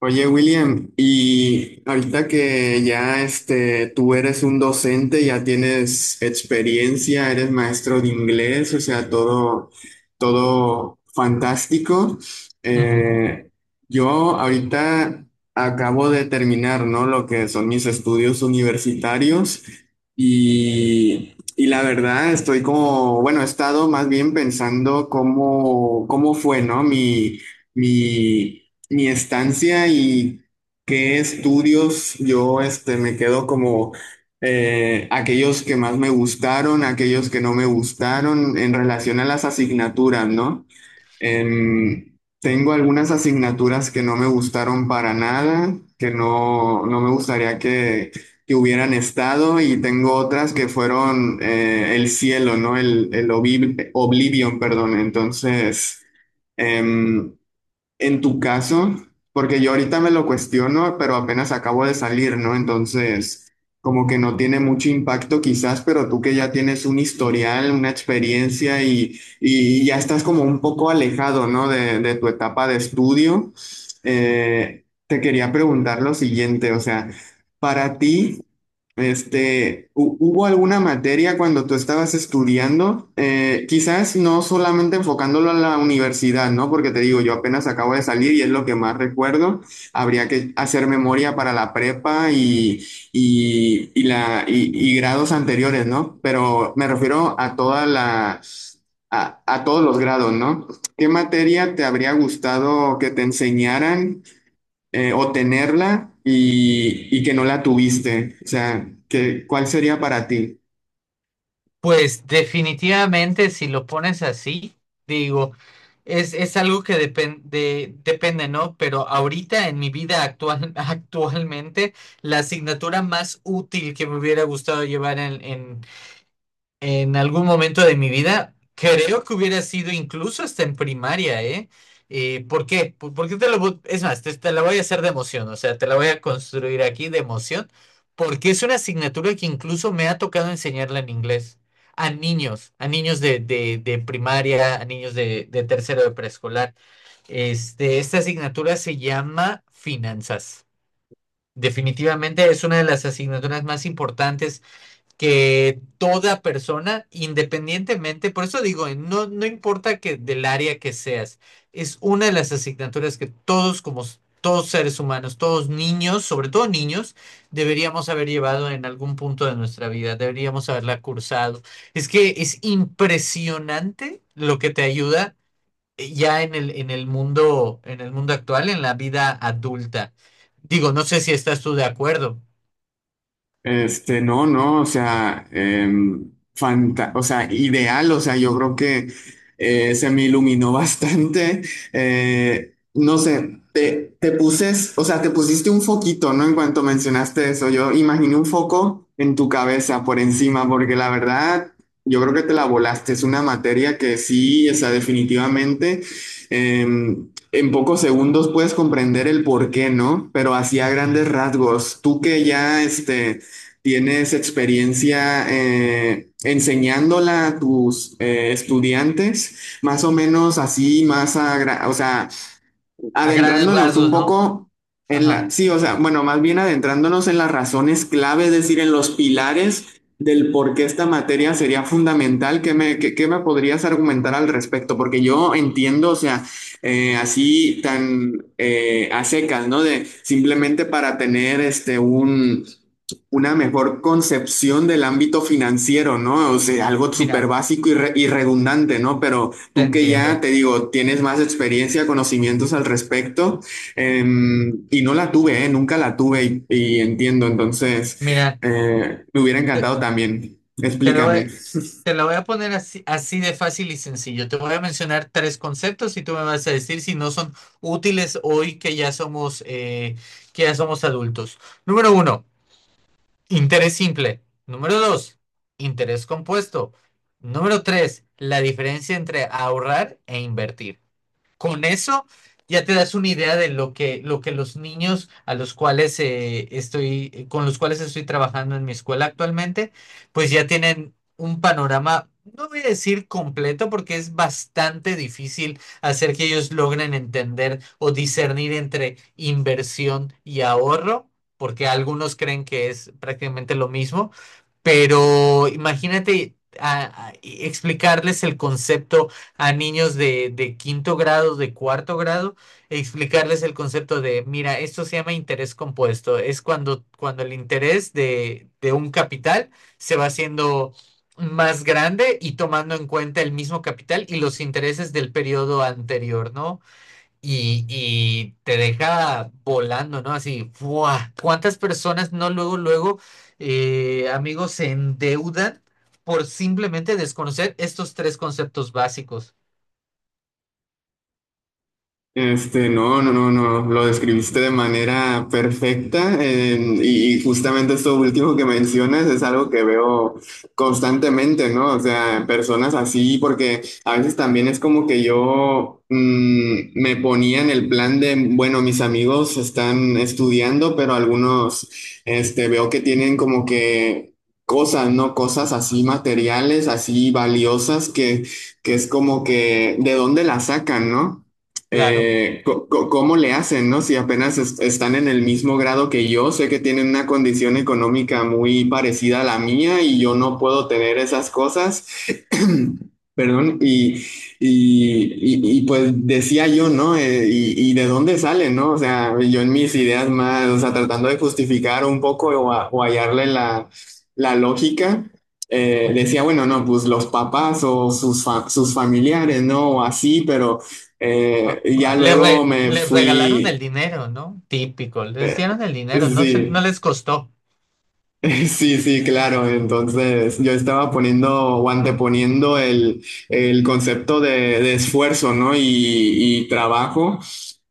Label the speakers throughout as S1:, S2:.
S1: Oye, William, y ahorita que ya tú eres un docente, ya tienes experiencia, eres maestro de inglés, o sea, todo, todo fantástico.
S2: Ujú.
S1: Eh, yo ahorita acabo de terminar, ¿no? Lo que son mis estudios universitarios y la verdad estoy como, bueno, he estado más bien pensando cómo, cómo fue, ¿no? Mi mi estancia y qué estudios yo me quedo como aquellos que más me gustaron, aquellos que no me gustaron en relación a las asignaturas, ¿no? Tengo algunas asignaturas que no me gustaron para nada, que no, no me gustaría que hubieran estado, y tengo otras que fueron el cielo, ¿no? Oblivion, perdón. Entonces... Em, en tu caso, porque yo ahorita me lo cuestiono, pero apenas acabo de salir, ¿no? Entonces, como que no tiene mucho impacto quizás, pero tú que ya tienes un historial, una experiencia, y ya estás como un poco alejado, ¿no? De tu etapa de estudio, te quería preguntar lo siguiente, o sea, para ti... ¿Hubo alguna materia cuando tú estabas estudiando? Quizás no solamente enfocándolo a la universidad, ¿no? Porque te digo, yo apenas acabo de salir y es lo que más recuerdo. Habría que hacer memoria para la prepa y grados anteriores, ¿no? Pero me refiero a toda la, a todos los grados, ¿no? ¿Qué materia te habría gustado que te enseñaran o tenerla y que no la tuviste? O sea, ¿qué, cuál sería para ti?
S2: Pues definitivamente si lo pones así, digo, es algo que depende, ¿no? Pero ahorita en mi vida actual, actualmente, la asignatura más útil que me hubiera gustado llevar en algún momento de mi vida, creo que hubiera sido incluso hasta en primaria, ¿eh? ¿Por qué? ¿Por qué Es más, te la voy a hacer de emoción, o sea, te la voy a construir aquí de emoción, porque es una asignatura que incluso me ha tocado enseñarla en inglés a niños de primaria, a niños de tercero de preescolar. Esta asignatura se llama finanzas. Definitivamente es una de las asignaturas más importantes que toda persona, independientemente, por eso digo, no, no importa que del área que seas, es una de las asignaturas que todos todos seres humanos, todos niños, sobre todo niños, deberíamos haber llevado en algún punto de nuestra vida, deberíamos haberla cursado. Es que es impresionante lo que te ayuda ya en en el mundo actual, en la vida adulta. Digo, no sé si estás tú de acuerdo.
S1: Este, no, no, o sea, o sea, ideal, o sea, yo creo que se me iluminó bastante. No sé, te puses, o sea, te pusiste un foquito, ¿no? En cuanto mencionaste eso, yo imaginé un foco en tu cabeza por encima, porque la verdad, yo creo que te la volaste. Es una materia que sí, o sea, definitivamente. En pocos segundos puedes comprender el por qué, ¿no? Pero así a
S2: Ujú.
S1: grandes rasgos, tú que ya ¿tienes experiencia enseñándola a tus estudiantes? Más o menos así, o sea,
S2: A grandes
S1: adentrándonos un
S2: rasgos, ¿no?
S1: poco en
S2: Ajá.
S1: sí, o sea, bueno, más bien adentrándonos en las razones clave, es decir, en los pilares del por qué esta materia sería fundamental, ¿qué me, qué me podrías argumentar al respecto? Porque yo entiendo, o sea, así tan a secas, ¿no? De simplemente para tener un una mejor concepción del ámbito financiero, ¿no? O sea, algo súper
S2: Mira,
S1: básico y, y redundante, ¿no? Pero
S2: te
S1: tú que ya,
S2: entiendo.
S1: te digo, tienes más experiencia, conocimientos al respecto, eh, y no la tuve, nunca la tuve y entiendo, entonces
S2: Mira,
S1: me hubiera
S2: te,
S1: encantado también.
S2: te lo voy,
S1: Explícame.
S2: a- te lo voy a poner así, así de fácil y sencillo. Te voy a mencionar tres conceptos y tú me vas a decir si no son útiles hoy que ya somos adultos. Número uno, interés simple. Número dos, interés compuesto. Número tres, la diferencia entre ahorrar e invertir. Con eso ya te das una idea de lo que los niños a los cuales con los cuales estoy trabajando en mi escuela actualmente, pues ya tienen un panorama, no voy a decir completo, porque es bastante difícil hacer que ellos logren entender o discernir entre inversión y ahorro, porque algunos creen que es prácticamente lo mismo, pero imagínate explicarles el concepto a niños de quinto grado, de cuarto grado, explicarles el concepto de, mira, esto se llama interés compuesto. Es cuando el interés de un capital se va haciendo más grande y tomando en cuenta el mismo capital y los intereses del periodo anterior, ¿no? Y te deja volando, ¿no? Así, ¡buah! ¿Cuántas personas no luego, luego, amigos, se endeudan por simplemente desconocer estos tres conceptos básicos?
S1: Este, no, no, no, no, lo describiste de manera perfecta, y justamente esto último que mencionas es algo que veo constantemente, ¿no? O sea, personas así, porque a veces también es como que yo me ponía en el plan de, bueno, mis amigos están estudiando, pero algunos, veo que tienen como que cosas, ¿no? Cosas así materiales, así valiosas que es como que, ¿de dónde las sacan, ¿no?
S2: Claro.
S1: ¿Cómo le hacen, no? Si apenas están en el mismo grado que yo, sé que tienen una condición económica muy parecida a la mía y yo no puedo tener esas cosas. Perdón, pues decía yo, ¿no? Y de dónde sale, ¿no? O sea, yo en mis ideas más, o sea, tratando de justificar un poco o, o hallarle la, la lógica,
S2: Ujú.
S1: decía, bueno, no, pues los papás o sus, sus familiares, ¿no? O así, pero y ya luego me
S2: Les regalaron el
S1: fui,
S2: dinero, ¿no? Típico, les
S1: eh,
S2: dieron el dinero, no se, no
S1: sí,
S2: les costó,
S1: sí, sí, claro. Entonces yo estaba poniendo o anteponiendo el concepto de esfuerzo, ¿no? Y trabajo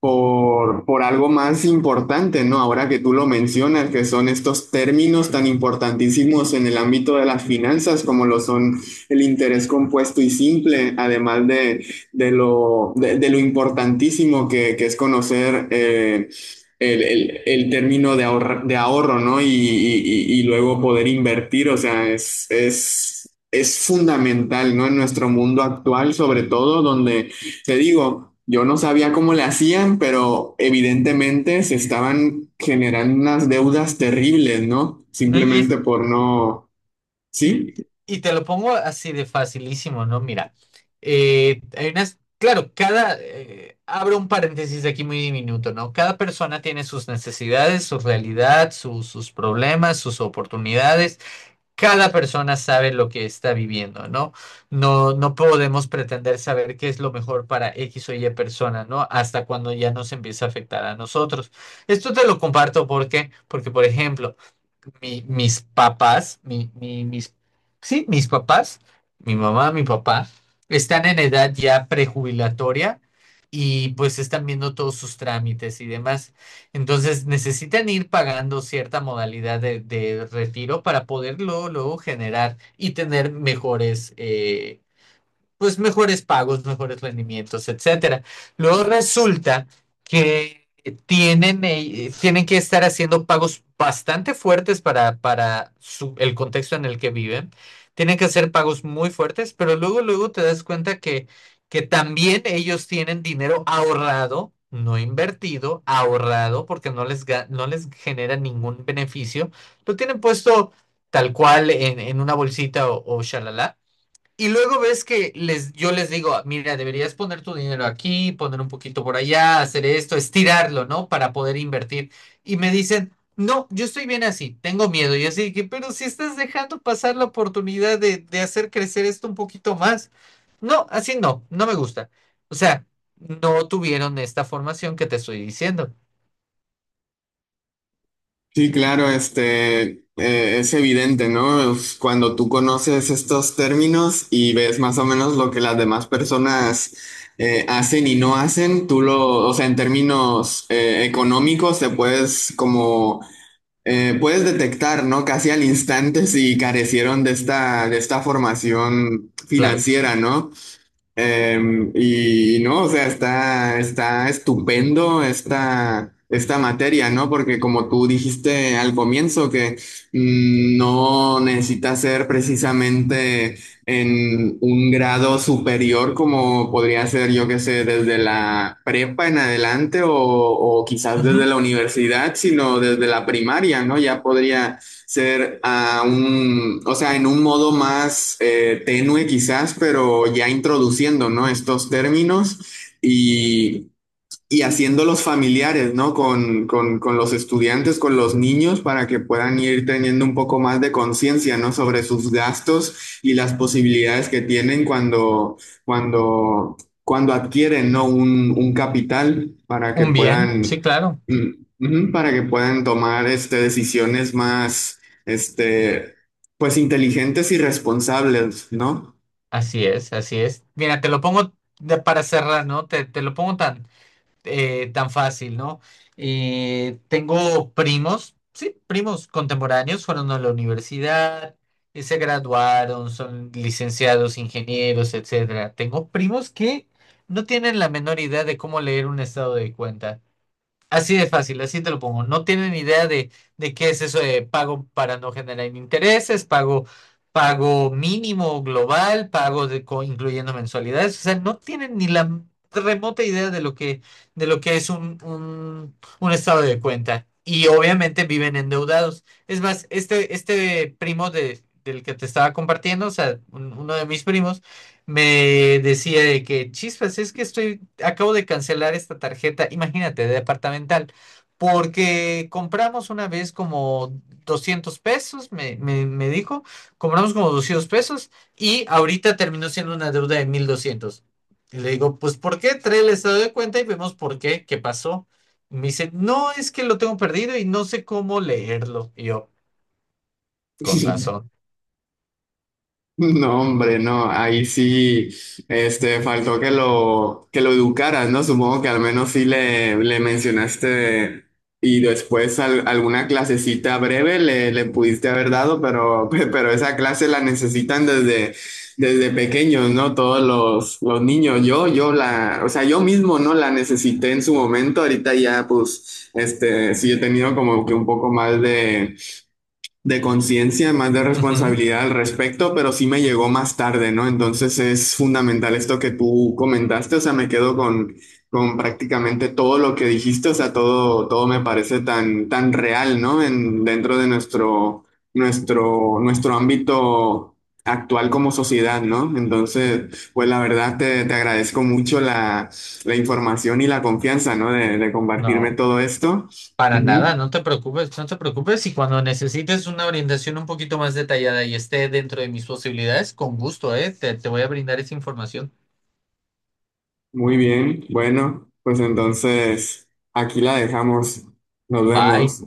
S1: por algo más importante, ¿no? Ahora que tú lo mencionas, que son estos términos tan importantísimos en el ámbito de las finanzas, como lo son el interés compuesto y simple, además de lo importantísimo que es conocer. El término de ahorro, ¿no? Y luego poder invertir, o sea, es fundamental, ¿no? En nuestro mundo actual, sobre todo, donde, te digo, yo no sabía cómo le hacían, pero evidentemente se estaban generando unas deudas terribles, ¿no?
S2: ¿no? Y es,
S1: Simplemente por no,
S2: y,
S1: ¿sí?
S2: y te lo pongo así de facilísimo, ¿no? Mira, hay unas, claro, abro un paréntesis aquí muy diminuto, ¿no? Cada persona tiene sus necesidades, su realidad, sus problemas, sus oportunidades. Cada persona sabe lo que está viviendo, ¿no? No, no podemos pretender saber qué es lo mejor para X o Y persona, ¿no? Hasta cuando ya nos empieza a afectar a nosotros. Esto te lo comparto por ejemplo, mi- mis papás, mi, mi- mis, sí, mis papás, mi mamá, mi papá, están en edad ya prejubilatoria y pues están viendo todos sus trámites y demás. Entonces necesitan ir pagando cierta modalidad de retiro para poder luego, luego generar y tener mejores, pues mejores pagos, mejores rendimientos, etcétera. Luego resulta que tienen, tienen que estar haciendo pagos bastante fuertes para, el contexto en el que viven. Tienen que hacer pagos muy fuertes, pero luego, luego te das cuenta que también ellos tienen dinero ahorrado, no invertido, ahorrado, porque no les, no les genera ningún beneficio. Lo tienen puesto tal cual en una bolsita o shalala y luego ves que les, yo les digo, mira, deberías poner tu dinero aquí, poner un poquito por allá, hacer esto, estirarlo, ¿no? Para poder invertir. Y me dicen, no, yo estoy bien así, tengo miedo. Y así que, pero si estás dejando pasar la oportunidad de hacer crecer esto un poquito más. No, así no, no me gusta. O sea, no tuvieron esta formación que te estoy diciendo.
S1: Sí, claro, es evidente, ¿no? Es cuando tú conoces estos términos y ves más o menos lo que las demás personas hacen y no hacen, tú lo, o sea, en términos económicos te puedes como, puedes detectar, ¿no? Casi al instante si carecieron de esta formación
S2: Claro que sí.
S1: financiera, ¿no? Y no, o sea, está, está estupendo esta, esta materia, ¿no? Porque como tú dijiste al comienzo, que no necesita ser precisamente en un grado superior como podría ser, yo que sé, desde la prepa en adelante o quizás desde
S2: Ujú.
S1: la universidad, sino desde la primaria, ¿no? Ya podría ser a un, o sea, en un modo más tenue quizás, pero ya introduciendo, ¿no? Estos términos y y haciendo los familiares, ¿no? Con, con los estudiantes, con los niños, para que puedan ir teniendo un poco más de conciencia, ¿no? Sobre sus gastos y las posibilidades que tienen cuando, cuando, cuando adquieren, ¿no? Un capital para que
S2: Un bien,
S1: puedan,
S2: sí, claro.
S1: para que puedan tomar, decisiones más, pues inteligentes y responsables, ¿no?
S2: Así es, así es. Mira, te lo pongo para cerrar, ¿no? Te lo pongo tan tan fácil, ¿no? Tengo primos, sí, primos contemporáneos, fueron a la universidad, se graduaron, son licenciados, ingenieros, etcétera. Tengo primos que no tienen la menor idea de cómo leer un estado de cuenta. Así de fácil, así te lo pongo. No tienen idea de qué es eso de pago para no generar intereses, pago, pago mínimo global, pago de, incluyendo mensualidades. O sea, no tienen ni la remota idea de lo que es un estado de cuenta. Y obviamente viven endeudados. Es más, este primo del que te estaba compartiendo, o sea, uno de mis primos, me decía de que, chispas, es que estoy acabo de cancelar esta tarjeta, imagínate, de departamental, porque compramos una vez como $200, me dijo, compramos como $200 y ahorita terminó siendo una deuda de 1200. Y le digo, pues ¿por qué? Trae el estado de cuenta y vemos por qué, qué pasó. Y me dice, no, es que lo tengo perdido y no sé cómo leerlo. Y yo, con razón.
S1: No, hombre, no, ahí sí, faltó que lo educaras, ¿no? Supongo que al menos sí le mencionaste y después alguna clasecita breve le, le pudiste haber dado, pero, pero esa clase la necesitan desde, desde pequeños, ¿no? Todos los niños, yo la, o sea, yo mismo no la necesité en su momento, ahorita ya, pues, sí he tenido como que un poco más de conciencia, más de
S2: Ujú.
S1: responsabilidad al respecto, pero sí me llegó más tarde, ¿no? Entonces es fundamental esto que tú comentaste, o sea, me quedo con prácticamente todo lo que dijiste, o sea, todo, todo me parece tan, tan real, ¿no? En, dentro de nuestro, nuestro, nuestro ámbito actual como sociedad, ¿no? Entonces, pues la verdad te, te agradezco mucho la, la información y la confianza, ¿no? De compartirme
S2: No.
S1: todo esto.
S2: Para nada,
S1: Ujú.
S2: no te preocupes, no te preocupes. Y cuando necesites una orientación un poquito más detallada y esté dentro de mis posibilidades, con gusto, ¿eh? Te voy a brindar esa información.
S1: Muy bien, bueno, pues entonces aquí la dejamos. Nos
S2: Bye.
S1: vemos.